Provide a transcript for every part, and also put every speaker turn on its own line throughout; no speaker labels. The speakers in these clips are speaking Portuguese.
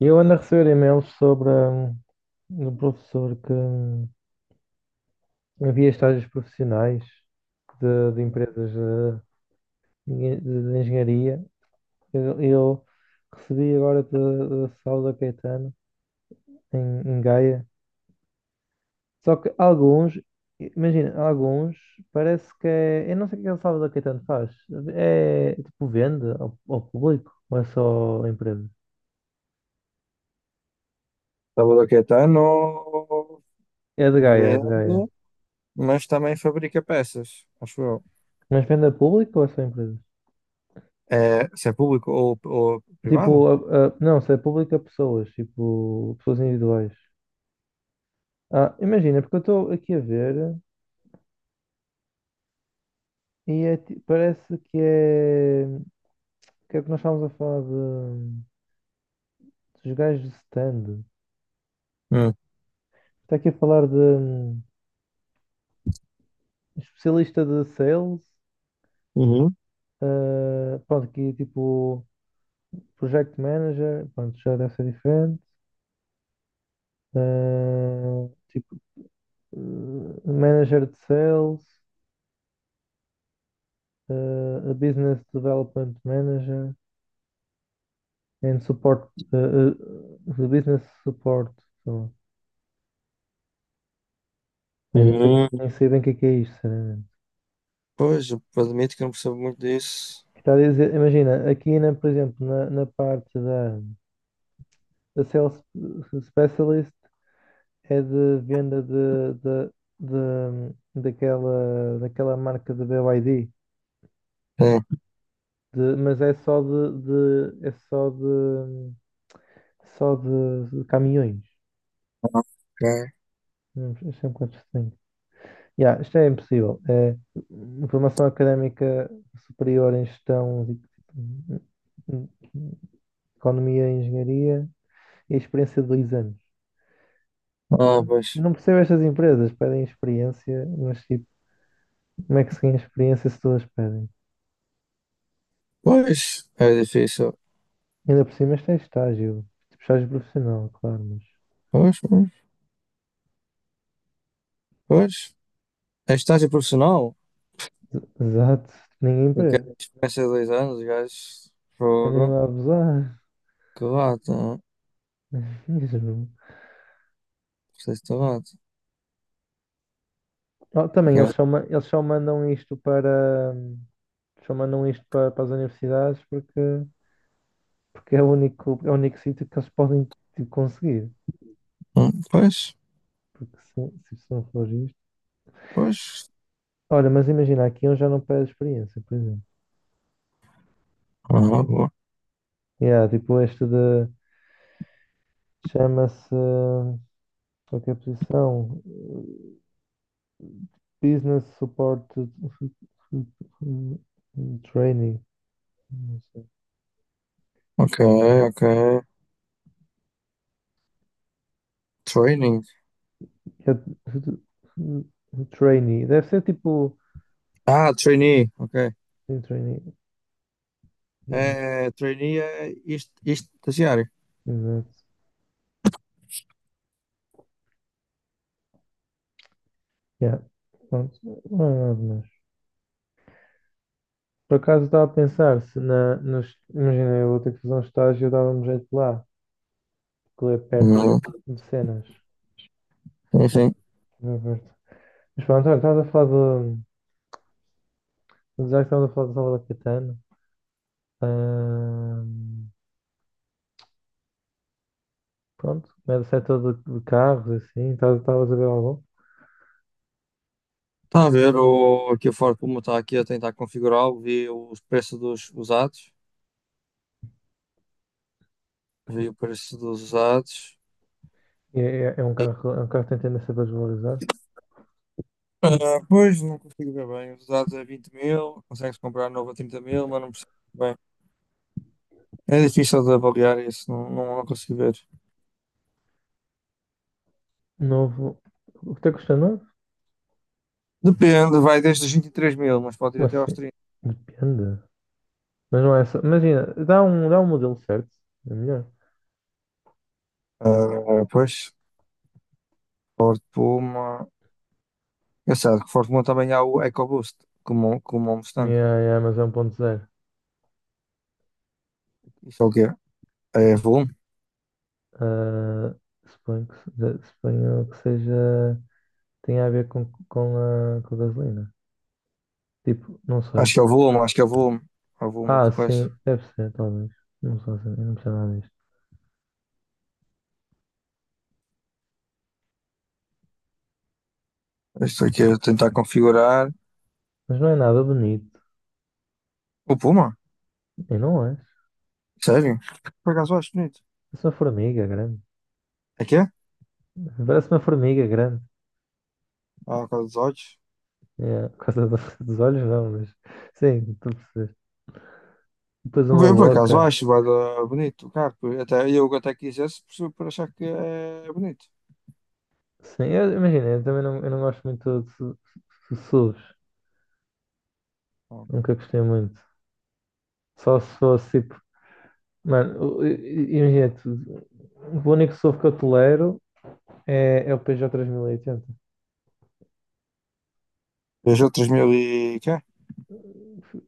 Eu ando a receber e-mails sobre um professor que havia estágios profissionais de empresas de engenharia. Eu recebi agora de Sauda Caetano, em Gaia. Só que imagina, alguns parece que é. Eu não sei o que é que o Sauda Caetano faz. É tipo vende ao público ou é só a empresa?
Salvador Caetano
É de Gaia, é de Gaia.
vende, mas também fabrica peças, acho eu.
Mas vende a público ou é só a empresa?
É, se é público ou, privado?
Tipo, não, se é público a pessoas, tipo, pessoas individuais. Ah, imagina, porque eu estou aqui a ver e é parece que é. Que é o que nós estávamos a falar dos gajos de stand.
Hum.
Está aqui a falar de especialista de sales,
Uhum.
pronto, aqui tipo project manager, pronto, já deve ser diferente. Tipo, manager de sales, a business development manager. And support, the business support. So, bem, não sei,
Uhum.
nem sei bem o que é isto, sinceramente.
Pois, eu admito que não percebo muito disso.
Está a dizer, imagina, aqui, por exemplo, na parte da Sales Specialist é de venda de- daquela marca de BYD,
É,
mas é só de- é só de de caminhões.
ok.
Não, isso é um bocado estranho. Yeah, isto é impossível. É, formação académica superior em gestão, economia e engenharia e experiência de 2 anos.
Ah,
Eu
pois.
não percebo estas empresas, pedem experiência, mas tipo, como é que se ganha experiência se todas pedem?
Pois, é difícil.
Ainda por cima isto é estágio, tipo estágio profissional, claro, mas
Pois, pois, pois. É estágio profissional?
exato, ninguém
E que é
pede,
experiência de 2 anos, gajos.
querem
Fogo.
lá abusar.
Que lata. Não
Mesmo.
sei se te lata.
Oh, também eles
Engraçado.
só, eles só mandam isto para as universidades porque é o único sítio que eles podem tipo, conseguir.
Pois,
Porque se isso não for isto.
pois.
Olha, mas imagina, aqui eu já não pego experiência, por exemplo.
Ah, boa.
Yeah, tipo, este de. Chama-se. Qualquer que é posição? Business Support Trainee. Não sei.
Ok, ok. Training.
É Trainee. Deve ser tipo.
Ah, trainee, ok.
Sim, Trainee.
É, trainee é isto estagiário.
Exato. Yeah. Pronto. Não é nada mais. Por acaso estava a pensar, se nos, imagina, eu vou ter que fazer um estágio, eu dava um jeito lá, porque é perto
Uhum.
de cenas. Ah,
Enfim,
é perto. Mas pronto, olha, estavas a falar de. Já que estávamos a falar de Salvador Caetano, ahm, pronto, é do setor de carros, assim, estavas a ver algum?
está a ver aqui o Ford Puma está aqui a tentar configurá-lo, vi os preços dos usados, vi o preço dos usados.
E é um carro, que tem tendência a desvalorizar.
Ah, pois, não consigo ver bem. Os usados é 20.000, consegue-se comprar novo a 30.000, mas não percebo bem. É difícil de avaliar isso, não, não, não consigo ver.
Novo. O que te custa novo?
Depende, vai desde os 23.000, mas pode ir
Mas
até aos
sim,
30.
depende. Mas não é só. Imagina, dá um modelo certo, é melhor.
Ah, pois, Ford Puma. Engraçado que Ford Mondeo também há o EcoBoost, como o Mustang.
Yeah, yeah, mas é 1.0.
Isso é o quê? É volume?
Ah, suponho que, se- suponho que seja. Tenha a ver com a gasolina. Tipo, não sei.
Acho que é o volume, acho que é o volume. É o volume
Ah,
de coisa.
sim, deve ser, talvez. Não sei, assim, eu não percebo nada disto.
Isto aqui é tentar configurar.
Mas não é nada bonito.
O Puma?
E não é.
Sério? Por acaso acho bonito.
Parece uma formiga grande.
É que é?
Parece uma formiga grande.
Ah, por causa dos olhos.
É, por causa dos olhos, não, mas. Sim, tu percebes. Depois uma
Eu por acaso
boca.
acho vai dar bonito o carro. Até, eu até quisesse por achar que é bonito.
Sim, eu, imagina, eu também não, eu não gosto muito de SUVs.
Ah,
Nunca
ok.
gostei muito. Só se fosse tipo. Mano, imagina, o único SUV que eu tolero é o Peugeot 3080.
Peugeot 3000 e quê?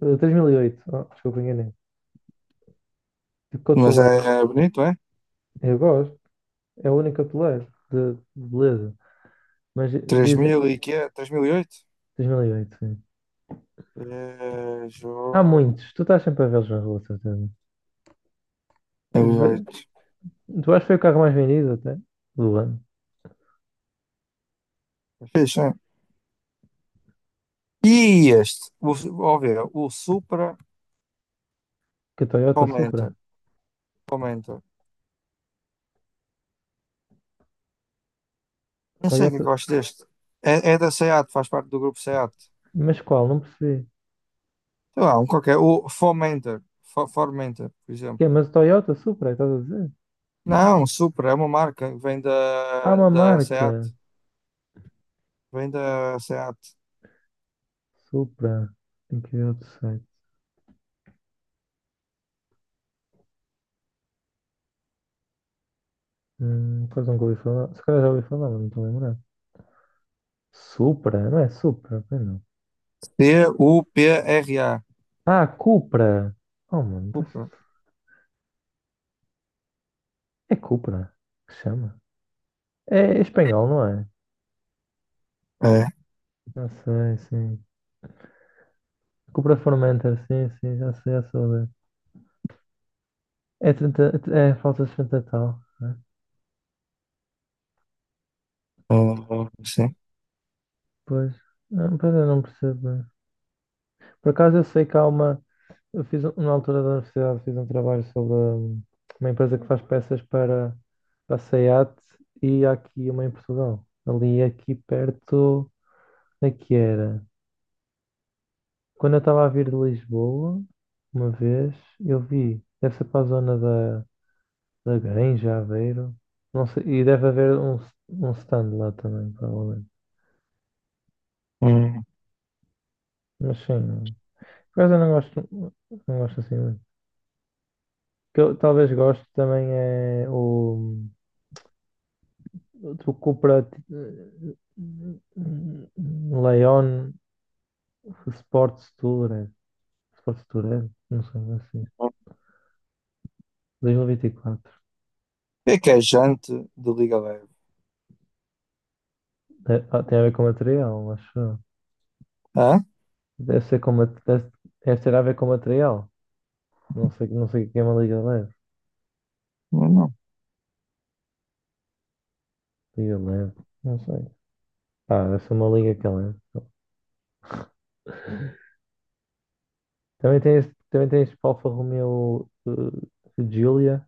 3008, oh, desculpa, enganei. O que eu
Mas
tolero,
é bonito, é?
eu gosto, é o único que eu tolero, de beleza. Mas
3.000
dizem,
e quê? 3.008.
2008 sim. Há
Peugeot
muitos, tu estás sempre a vê-los na rua, de certeza.
3008.
Tu acho que foi o carro mais vendido até, do ano,
É fixe, é? E este, o, ó ver, o Supra
que a Toyota
comenta,
Supra.
comenta. Não sei o que é que
Toyota,
eu acho deste. É, é da SEAT, faz parte do grupo SEAT.
mas qual? Não percebi.
Sei lá, um qualquer. O Fomenter, Formenter, por
Que é,
exemplo.
mas Toyota Supra, estás a dizer?
Não, Supra é uma marca, vem
Há uma
da SEAT,
marca,
vem da SEAT.
Supra, tem que ver outro site. Pois nunca ouvi falar. Se calhar já ouvi falar, mas não estou a lembrar. Supra? Não é Supra? Pois não.
Cupra,
Ah, Cupra! Oh, mano.
Supra.
É Cupra que se chama. É espanhol, não é?
É, é,
Já sei, sim. Cupra Formentor, sim, sim, já sei, já soube. É, 30, é falta de 30 tal, né?
é, sim.
Pois, não, pois eu não percebo bem. Por acaso eu sei que há uma. Eu fiz, na altura da universidade, fiz um trabalho sobre uma empresa que faz peças para a SEAT e há aqui uma em Portugal. Ali, aqui perto, onde é que era? Quando eu estava a vir de Lisboa, uma vez, eu vi, deve ser para a zona da Granja, Aveiro, não sei, e deve haver um stand lá também, provavelmente.
Hum.
Mas sim, não. Por acaso eu não gosto, não gosto assim muito. O que eu talvez goste também é o Tu compra Leon Sports Tour, é. Sports Tour, é? Não sei como é assim.
Hum. O
2024.
que é jante de liga leve?
Tem, tem a ver com material, acho eu.
Hã?
Deve ser com deve ter a ver com material. Não sei, não sei o que é uma liga leve.
Não, não.
Liga leve, não sei. Ah, deve ser uma liga que é leve. Também tem este Alfa Romeo Giulia,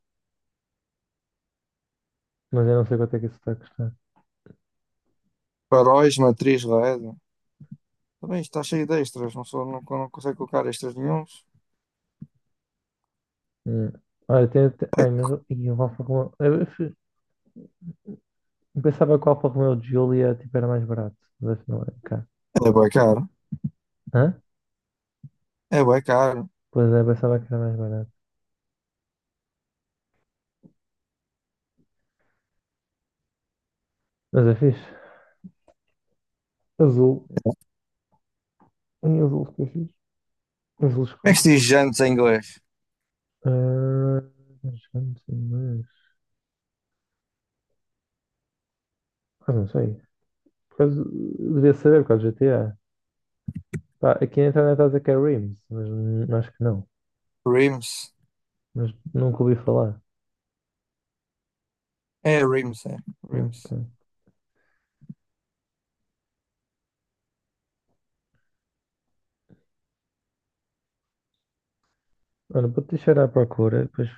mas eu não sei quanto é que isso está a custar.
Faróis, matriz LED. Também está cheio de extras, não, sou, não, não consegue colocar extras nenhuns.
Hum. Olha, tem, ai, mas o Alfa Romeo. Eu pensava que o Alfa Romeo Giulia tipo, era mais barato, mas não é cá.
É bem caro.
Hã?
É bem caro.
Pois é, pensava que era mais barato. Mas é fixe. Azul. Em azul ficou fixe. Azul
Como é
escuro.
que se diz jantes em inglês?
Ah, mas não sei, mas. Ah, não sei. Por causa... Devia saber por causa do GTA. Pá, aqui na internet está a dizer que é Rims, mas acho que não.
Rims.
Mas nunca ouvi falar.
É rims, é.
Ah,
Rims.
ok. Olha, vou te deixar à procura,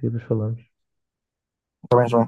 depois falamos.
Também já.